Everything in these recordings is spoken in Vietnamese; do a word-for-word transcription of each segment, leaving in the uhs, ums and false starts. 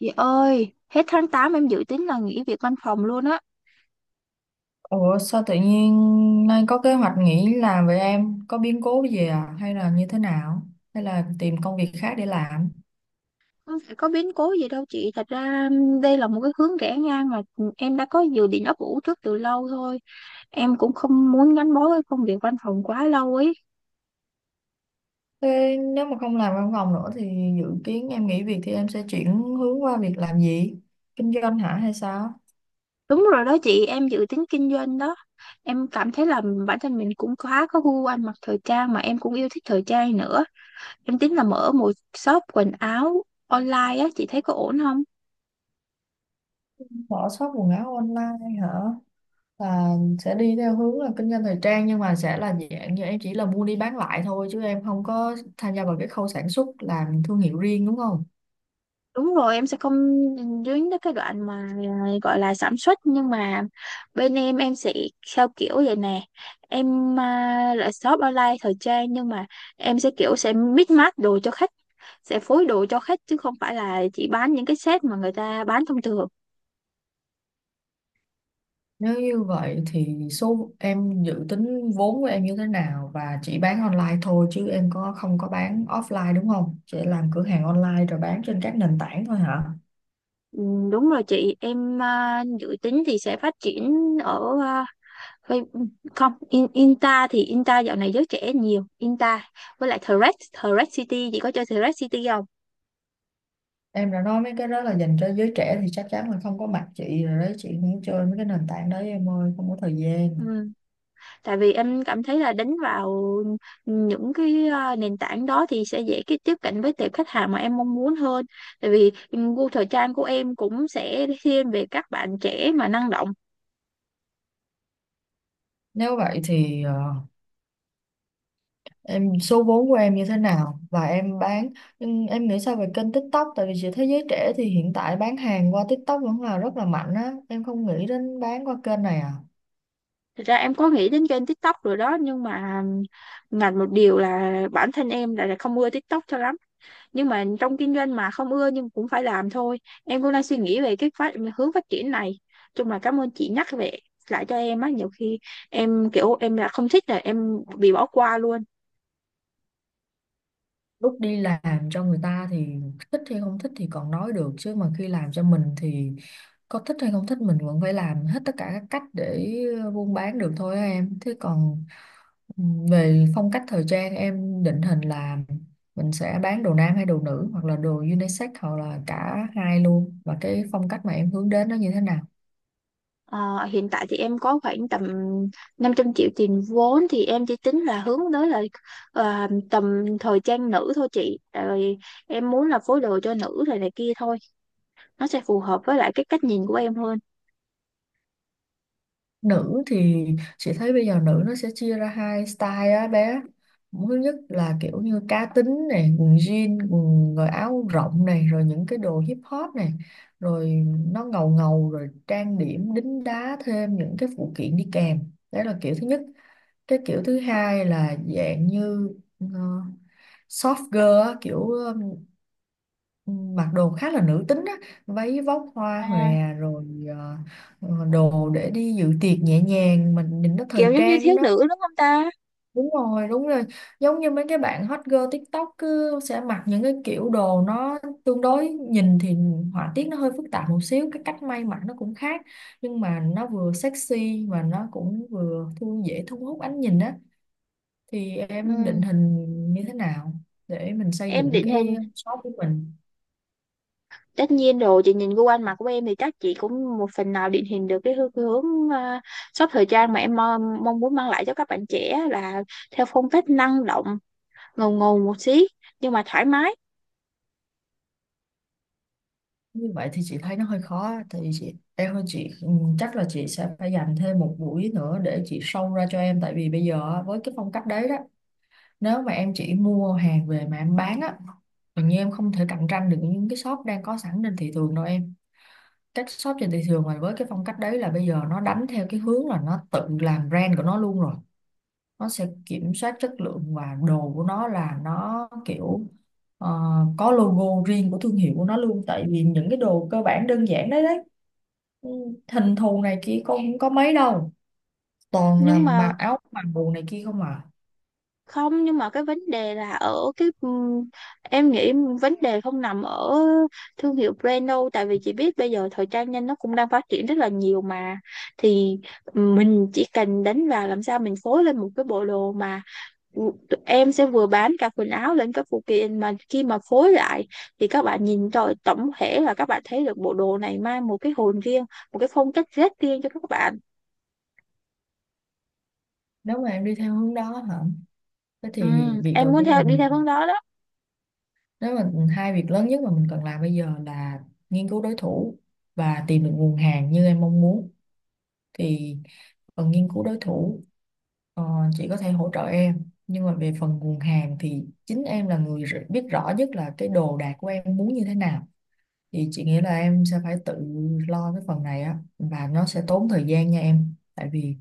Chị ơi, hết tháng tám em dự tính là nghỉ việc văn phòng luôn á. Ủa sao tự nhiên nay có kế hoạch nghỉ làm vậy em? Có biến cố gì à? Hay là như thế nào? Hay là tìm công việc khác để làm? Không phải có biến cố gì đâu chị. Thật ra um, đây là một cái hướng rẽ ngang mà em đã có dự định ấp ủ trước từ lâu thôi. Em cũng không muốn gắn bó với công việc văn phòng quá lâu ấy. Thế nếu mà không làm văn phòng nữa thì dự kiến em nghỉ việc thì em sẽ chuyển hướng qua việc làm gì? Kinh doanh hả hay sao? Đúng rồi đó chị, em dự tính kinh doanh đó. Em cảm thấy là bản thân mình cũng khá có gu ăn mặc thời trang mà em cũng yêu thích thời trang nữa. Em tính là mở một shop quần áo online á, chị thấy có ổn không? Mở shop quần áo online hả? Là sẽ đi theo hướng là kinh doanh thời trang, nhưng mà sẽ là dạng như em chỉ là mua đi bán lại thôi chứ em không có tham gia vào cái khâu sản xuất làm thương hiệu riêng đúng không? Đúng rồi, em sẽ không dính tới cái đoạn mà à, gọi là sản xuất nhưng mà bên em em sẽ theo kiểu vậy nè. Em à, là shop online thời trang nhưng mà em sẽ kiểu sẽ mix match đồ cho khách, sẽ phối đồ cho khách chứ không phải là chỉ bán những cái set mà người ta bán thông thường. Nếu như vậy thì số em dự tính vốn của em như thế nào, và chỉ bán online thôi chứ em có không có bán offline đúng không? Chỉ làm cửa hàng online rồi bán trên các nền tảng thôi hả? Ừ, đúng rồi chị, em à, dự tính thì sẽ phát triển ở à, Face- không, in, Inta thì Inta dạo này giới trẻ nhiều, Inta với lại Threads, Threads City, chị có chơi Threads City không? Em đã nói mấy cái đó là dành cho giới trẻ thì chắc chắn là không có mặt chị rồi đấy, chị không chơi mấy cái nền tảng đấy em ơi, không có thời Ừ, gian. tại vì em cảm thấy là đánh vào những cái ờ, nền tảng đó thì sẽ dễ cái tiếp cận với tệp khách hàng mà em mong muốn hơn, tại vì gu thời trang của em cũng sẽ thiên về các bạn trẻ mà năng động. Nếu vậy thì ờ, em số vốn của em như thế nào và em bán, nhưng em nghĩ sao về kênh TikTok, tại vì chị thấy giới trẻ thì hiện tại bán hàng qua TikTok vẫn là rất là mạnh á, em không nghĩ đến bán qua kênh này à. Thật ra em có nghĩ đến kênh TikTok rồi đó nhưng mà ngặt một điều là bản thân em lại là không ưa TikTok cho lắm, nhưng mà trong kinh doanh mà không ưa nhưng cũng phải làm thôi. Em cũng đang suy nghĩ về cái phát hướng phát triển này. Chung là cảm ơn chị nhắc về lại cho em á, nhiều khi em kiểu em là không thích là em bị bỏ qua luôn. Lúc đi làm cho người ta thì thích hay không thích thì còn nói được, chứ mà khi làm cho mình thì có thích hay không thích mình vẫn phải làm hết tất cả các cách để buôn bán được thôi á em. Thế còn ừm, về phong cách thời trang, em định hình là mình sẽ bán đồ nam hay đồ nữ, hoặc là đồ unisex hoặc là cả hai luôn, và cái phong cách mà em hướng đến nó như thế nào? Ờ, hiện tại thì em có khoảng tầm năm trăm triệu tiền vốn thì em chỉ tính là hướng tới là ờ, tầm thời trang nữ thôi chị. Tại vì em muốn là phối đồ cho nữ rồi này kia thôi, nó sẽ phù hợp với lại cái cách nhìn của em hơn. Nữ thì chị thấy bây giờ nữ nó sẽ chia ra hai style á bé. Thứ nhất là kiểu như cá tính này, quần jean quần rồi áo rộng này, rồi những cái đồ hip hop này, rồi nó ngầu ngầu, rồi trang điểm đính đá thêm những cái phụ kiện đi kèm, đấy là kiểu thứ nhất. Cái kiểu thứ hai là dạng như ờ, soft girl á, kiểu mặc đồ khá là nữ tính á, váy vóc hoa À, hòe, rồi ờ, ờ, đồ để đi dự tiệc nhẹ nhàng mình nhìn nó thời kiểu giống như trang thiếu đó. nữ đúng không ta? Đúng rồi, đúng rồi, giống như mấy cái bạn hot girl TikTok cứ sẽ mặc những cái kiểu đồ nó tương đối, nhìn thì họa tiết nó hơi phức tạp một xíu, cái cách may mặc nó cũng khác, nhưng mà nó vừa sexy mà nó cũng vừa thu dễ thu hút ánh nhìn á, thì Ừ. em Ừ. định hình như thế nào để mình xây Em dựng định hình. cái shop của mình? Tất nhiên rồi, chị nhìn gu ăn mặc của em thì chắc chị cũng một phần nào định hình được cái hướng, cái hướng à, shop thời trang mà em mong, mong muốn mang lại cho các bạn trẻ là theo phong cách năng động, ngầu ngầu một xí nhưng mà thoải mái. Như vậy thì chị thấy nó hơi khó. Thì chị em ơi, chị ừ, chắc là chị sẽ phải dành thêm một buổi nữa để chị sâu ra cho em, tại vì bây giờ á, với cái phong cách đấy đó, nếu mà em chỉ mua hàng về mà em bán á, tự nhiên em không thể cạnh tranh được những cái shop đang có sẵn trên thị trường đâu em. Các shop trên thị trường mà với cái phong cách đấy là bây giờ nó đánh theo cái hướng là nó tự làm brand của nó luôn rồi, nó sẽ kiểm soát chất lượng và đồ của nó là nó kiểu ờ, có logo riêng của thương hiệu của nó luôn, tại vì những cái đồ cơ bản đơn giản đấy đấy ừ, hình thù này kia con không có mấy đâu, toàn là Nhưng mà mà áo mặc đồ này kia không à. không nhưng mà cái vấn đề là ở cái ừm, em nghĩ vấn đề không nằm ở thương hiệu brand đâu, tại vì chị biết bây giờ thời trang nhanh nó cũng đang phát triển rất là nhiều mà. Thì mình chỉ cần đánh vào làm sao mình phối lên một cái bộ đồ mà ừ, tụi em sẽ vừa bán cả quần áo lẫn các phụ kiện, mà khi mà phối lại thì các bạn nhìn rồi tổng thể là các bạn thấy được bộ đồ này mang một cái hồn riêng, một cái phong cách rất riêng cho các bạn. Nếu mà em đi theo hướng đó hả, thế thì Ừm, việc Em đầu muốn tiên theo mà đi mình, theo hướng đó đó. nếu mà hai việc lớn nhất mà mình cần làm bây giờ là nghiên cứu đối thủ và tìm được nguồn hàng như em mong muốn, thì cần nghiên cứu đối thủ. Ờ, chị có thể hỗ trợ em, nhưng mà về phần nguồn hàng thì chính em là người r- biết rõ nhất là cái đồ đạc của em muốn như thế nào, thì chị nghĩ là em sẽ phải tự lo cái phần này á, và nó sẽ tốn thời gian nha em. Tại vì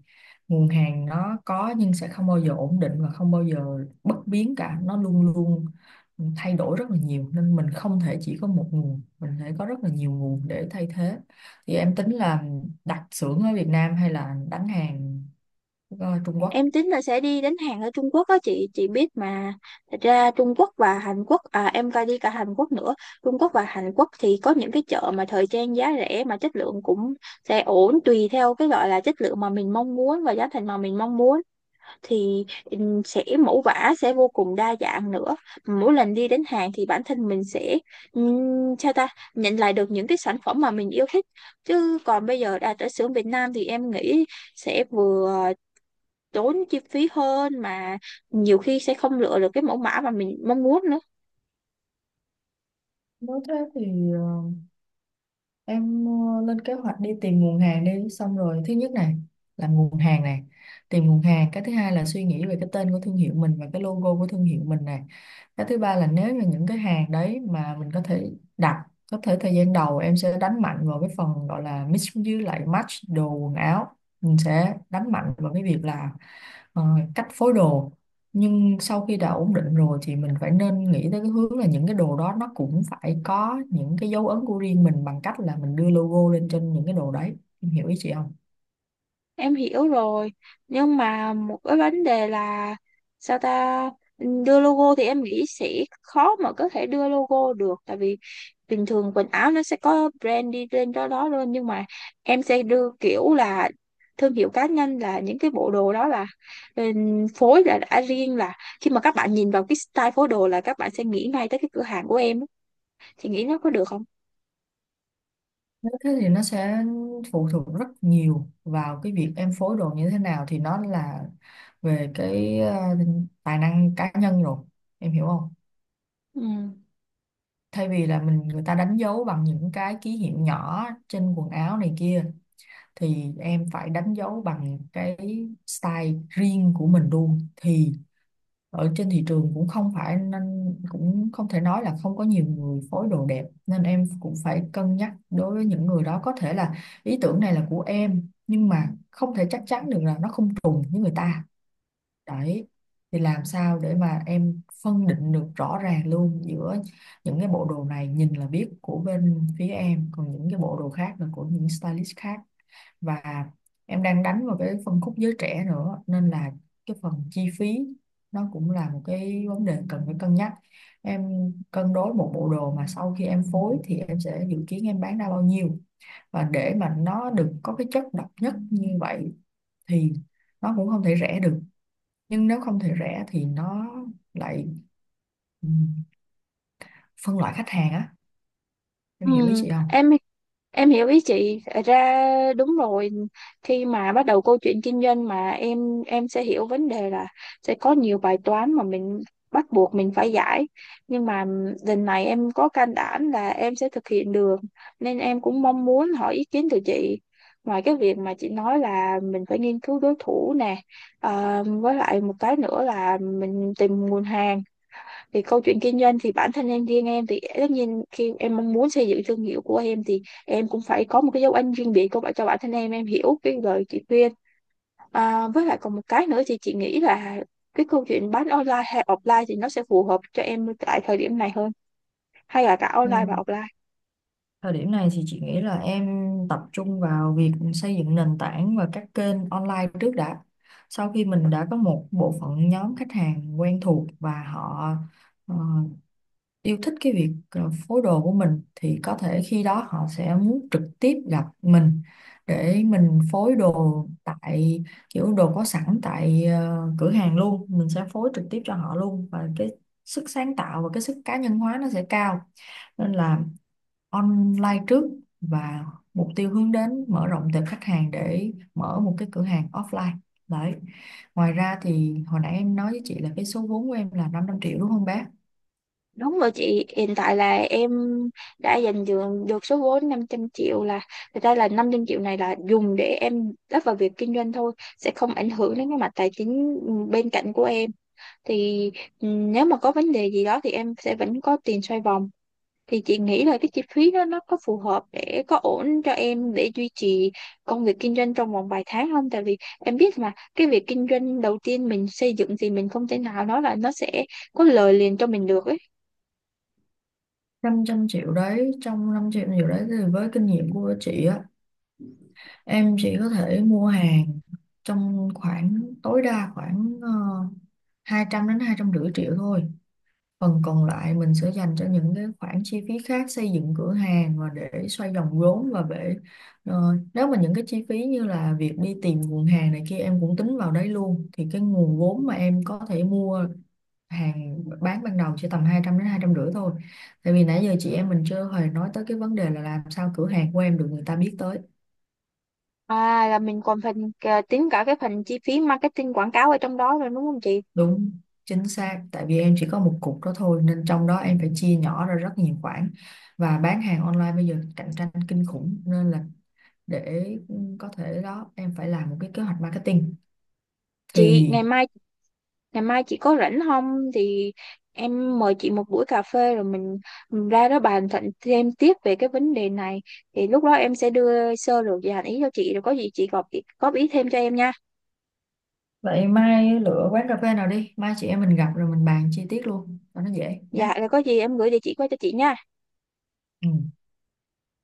nguồn hàng nó có nhưng sẽ không bao giờ ổn định và không bao giờ bất biến cả, nó luôn luôn thay đổi rất là nhiều, nên mình không thể chỉ có một nguồn, mình phải có rất là nhiều nguồn để thay thế. Thì em tính là đặt xưởng ở Việt Nam hay là đánh hàng ờ, Trung Quốc? Em tính là sẽ đi đến Hàn ở Trung Quốc á chị chị biết mà, thật ra Trung Quốc và Hàn Quốc, à em coi đi cả Hàn Quốc nữa. Trung Quốc và Hàn Quốc thì có những cái chợ mà thời trang giá rẻ mà chất lượng cũng sẽ ổn tùy theo cái gọi là chất lượng mà mình mong muốn và giá thành mà mình mong muốn, thì ừm, sẽ mẫu vã sẽ vô cùng đa dạng nữa. Mỗi lần đi đến Hàn thì bản thân mình sẽ ừm, sao ta nhận lại được những cái sản phẩm mà mình yêu thích, chứ còn bây giờ đã tới xưởng Việt Nam thì em nghĩ sẽ vừa tốn chi phí hơn mà nhiều khi sẽ không lựa được cái mẫu mã mà mình mong muốn nữa. Nếu thế thì ờ, em ờ, lên kế hoạch đi tìm nguồn hàng đi, xong rồi thứ nhất này là nguồn hàng này, tìm nguồn hàng. Cái thứ hai là suy nghĩ về cái tên của thương hiệu mình và cái logo của thương hiệu mình này. Cái thứ ba là nếu mà những cái hàng đấy mà mình có thể đặt, có thể thời gian đầu em sẽ đánh mạnh vào cái phần gọi là mix với lại match đồ quần áo, mình sẽ đánh mạnh vào cái việc là ờ, cách phối đồ. Nhưng sau khi đã ổn định rồi thì mình phải nên nghĩ tới cái hướng là những cái đồ đó nó cũng phải có những cái dấu ấn của riêng mình, bằng cách là mình đưa logo lên trên những cái đồ đấy. Em hiểu ý chị không? Em hiểu rồi, nhưng mà một cái vấn đề là sao ta đưa logo thì em nghĩ sẽ khó mà có thể đưa logo được, tại vì bình thường quần áo nó sẽ có brand đi lên đó đó luôn, nhưng mà em sẽ đưa kiểu là thương hiệu cá nhân, là những cái bộ đồ đó là ừm, phối là đã riêng, là khi mà các bạn nhìn vào cái style phối đồ là các bạn sẽ nghĩ ngay tới cái cửa hàng của em á. Thì nghĩ nó có được không? Nếu thế thì nó sẽ phụ thuộc rất nhiều vào cái việc em phối đồ như thế nào, thì nó là về cái ờ, tài năng cá nhân rồi. Em hiểu không? Ừ. Thay vì là mình, người ta đánh dấu bằng những cái ký hiệu nhỏ trên quần áo này kia, thì em phải đánh dấu bằng cái style riêng của mình luôn. Thì ở trên thị trường cũng không phải, nên cũng không thể nói là không có nhiều người phối đồ đẹp, nên em cũng phải cân nhắc đối với những người đó, có thể là ý tưởng này là của em nhưng mà không thể chắc chắn được là nó không trùng với người ta, đấy. Thì làm sao để mà em phân định được rõ ràng luôn giữa những cái bộ đồ này nhìn là biết của bên phía em, còn những cái bộ đồ khác là của những stylist khác. Và em đang đánh vào cái phân khúc giới trẻ nữa, nên là cái phần chi phí nó cũng là một cái vấn đề cần phải cân nhắc. Em cân đối một bộ đồ mà sau khi em phối thì em sẽ dự kiến em bán ra bao nhiêu, và để mà nó được có cái chất độc nhất như vậy thì nó cũng không thể rẻ được, nhưng nếu không thể rẻ thì nó lại ừ, phân loại khách hàng á. Em Ừ, hiểu ý chị không? em em hiểu ý chị. Thật ra đúng rồi, khi mà bắt đầu câu chuyện kinh doanh mà em em sẽ hiểu vấn đề là sẽ có nhiều bài toán mà mình bắt buộc mình phải giải, nhưng mà lần này em có can đảm là em sẽ thực hiện được, nên em cũng mong muốn hỏi ý kiến từ chị. Ngoài cái việc mà chị nói là mình phải nghiên cứu đối thủ nè, ờ, với lại một cái nữa là mình tìm nguồn hàng, thì câu chuyện kinh doanh thì bản thân em, riêng em thì tất nhiên khi em mong muốn xây dựng thương hiệu của em thì em cũng phải có một cái dấu ấn riêng biệt của bạn cho bản thân em em hiểu cái lời chị khuyên. à, với lại còn một cái nữa thì chị nghĩ là cái câu chuyện bán online hay offline thì nó sẽ phù hợp cho em tại thời điểm này hơn, hay là cả Ừ. online và offline? Thời điểm này thì chị nghĩ là em tập trung vào việc xây dựng nền tảng và các kênh online trước đã. Sau khi mình đã có một bộ phận nhóm khách hàng quen thuộc và họ ờ, yêu thích cái việc ờ, phối đồ của mình, thì có thể khi đó họ sẽ muốn trực tiếp gặp mình để mình phối đồ tại kiểu đồ có sẵn tại ờ, cửa hàng luôn, mình sẽ phối trực tiếp cho họ luôn, và cái sức sáng tạo và cái sức cá nhân hóa nó sẽ cao. Nên là online trước, và mục tiêu hướng đến mở rộng tệp khách hàng để mở một cái cửa hàng offline, đấy. Ngoài ra thì hồi nãy em nói với chị là cái số vốn của em là năm trăm triệu đúng không bác? Đúng rồi chị, hiện tại là em đã dành được, được số vốn năm trăm triệu, là thật ra là năm trăm triệu này là dùng để em đắp vào việc kinh doanh thôi, sẽ không ảnh hưởng đến cái mặt tài chính bên cạnh của em. Thì ừ, nếu mà có vấn đề gì đó thì em sẽ vẫn có tiền xoay vòng. Thì chị nghĩ là cái chi phí đó nó có phù hợp để có ổn cho em để duy trì công việc kinh doanh trong vòng vài tháng không, tại vì em biết mà cái việc kinh doanh đầu tiên mình xây dựng thì mình không thể nào nói là nó sẽ có lời liền cho mình được ấy. Năm trăm triệu đấy, trong năm trăm triệu đấy thì với kinh nghiệm của chị á, em chỉ có thể mua hàng trong khoảng tối đa khoảng uh, hai trăm đến hai trăm rưỡi triệu thôi. Phần còn lại mình sẽ dành cho những cái khoản chi phí khác, xây dựng cửa hàng và để xoay vòng vốn, và để ờ, nếu mà những cái chi phí như là việc đi tìm nguồn hàng này kia em cũng tính vào đấy luôn, thì cái nguồn vốn mà em có thể mua hàng bán ban đầu chỉ tầm hai trăm đến hai trăm rưỡi thôi. Tại vì nãy giờ chị em mình chưa hề nói tới cái vấn đề là làm sao cửa hàng của em được người ta biết tới. À là mình còn phần, à, tính cả cái phần chi phí marketing quảng cáo ở trong đó rồi đúng không chị? Đúng, chính xác. Tại vì em chỉ có một cục đó thôi, nên trong đó em phải chia nhỏ ra rất nhiều khoản, và bán hàng online bây giờ cạnh tranh kinh khủng, nên là để có thể đó em phải làm một cái kế hoạch marketing chị thì. ngày mai ngày mai chị có rảnh không thì em mời chị một buổi cà phê, rồi mình, mình ra đó bàn thận thêm tiếp về cái vấn đề này, thì lúc đó em sẽ đưa sơ lược và ý cho chị, rồi có gì chị góp góp ý thêm cho em nha. Vậy mai lựa quán cà phê nào đi, mai chị em mình gặp rồi mình bàn chi tiết luôn cho nó dễ nhé. Dạ rồi có gì em gửi địa chỉ qua cho chị nha. Ừ.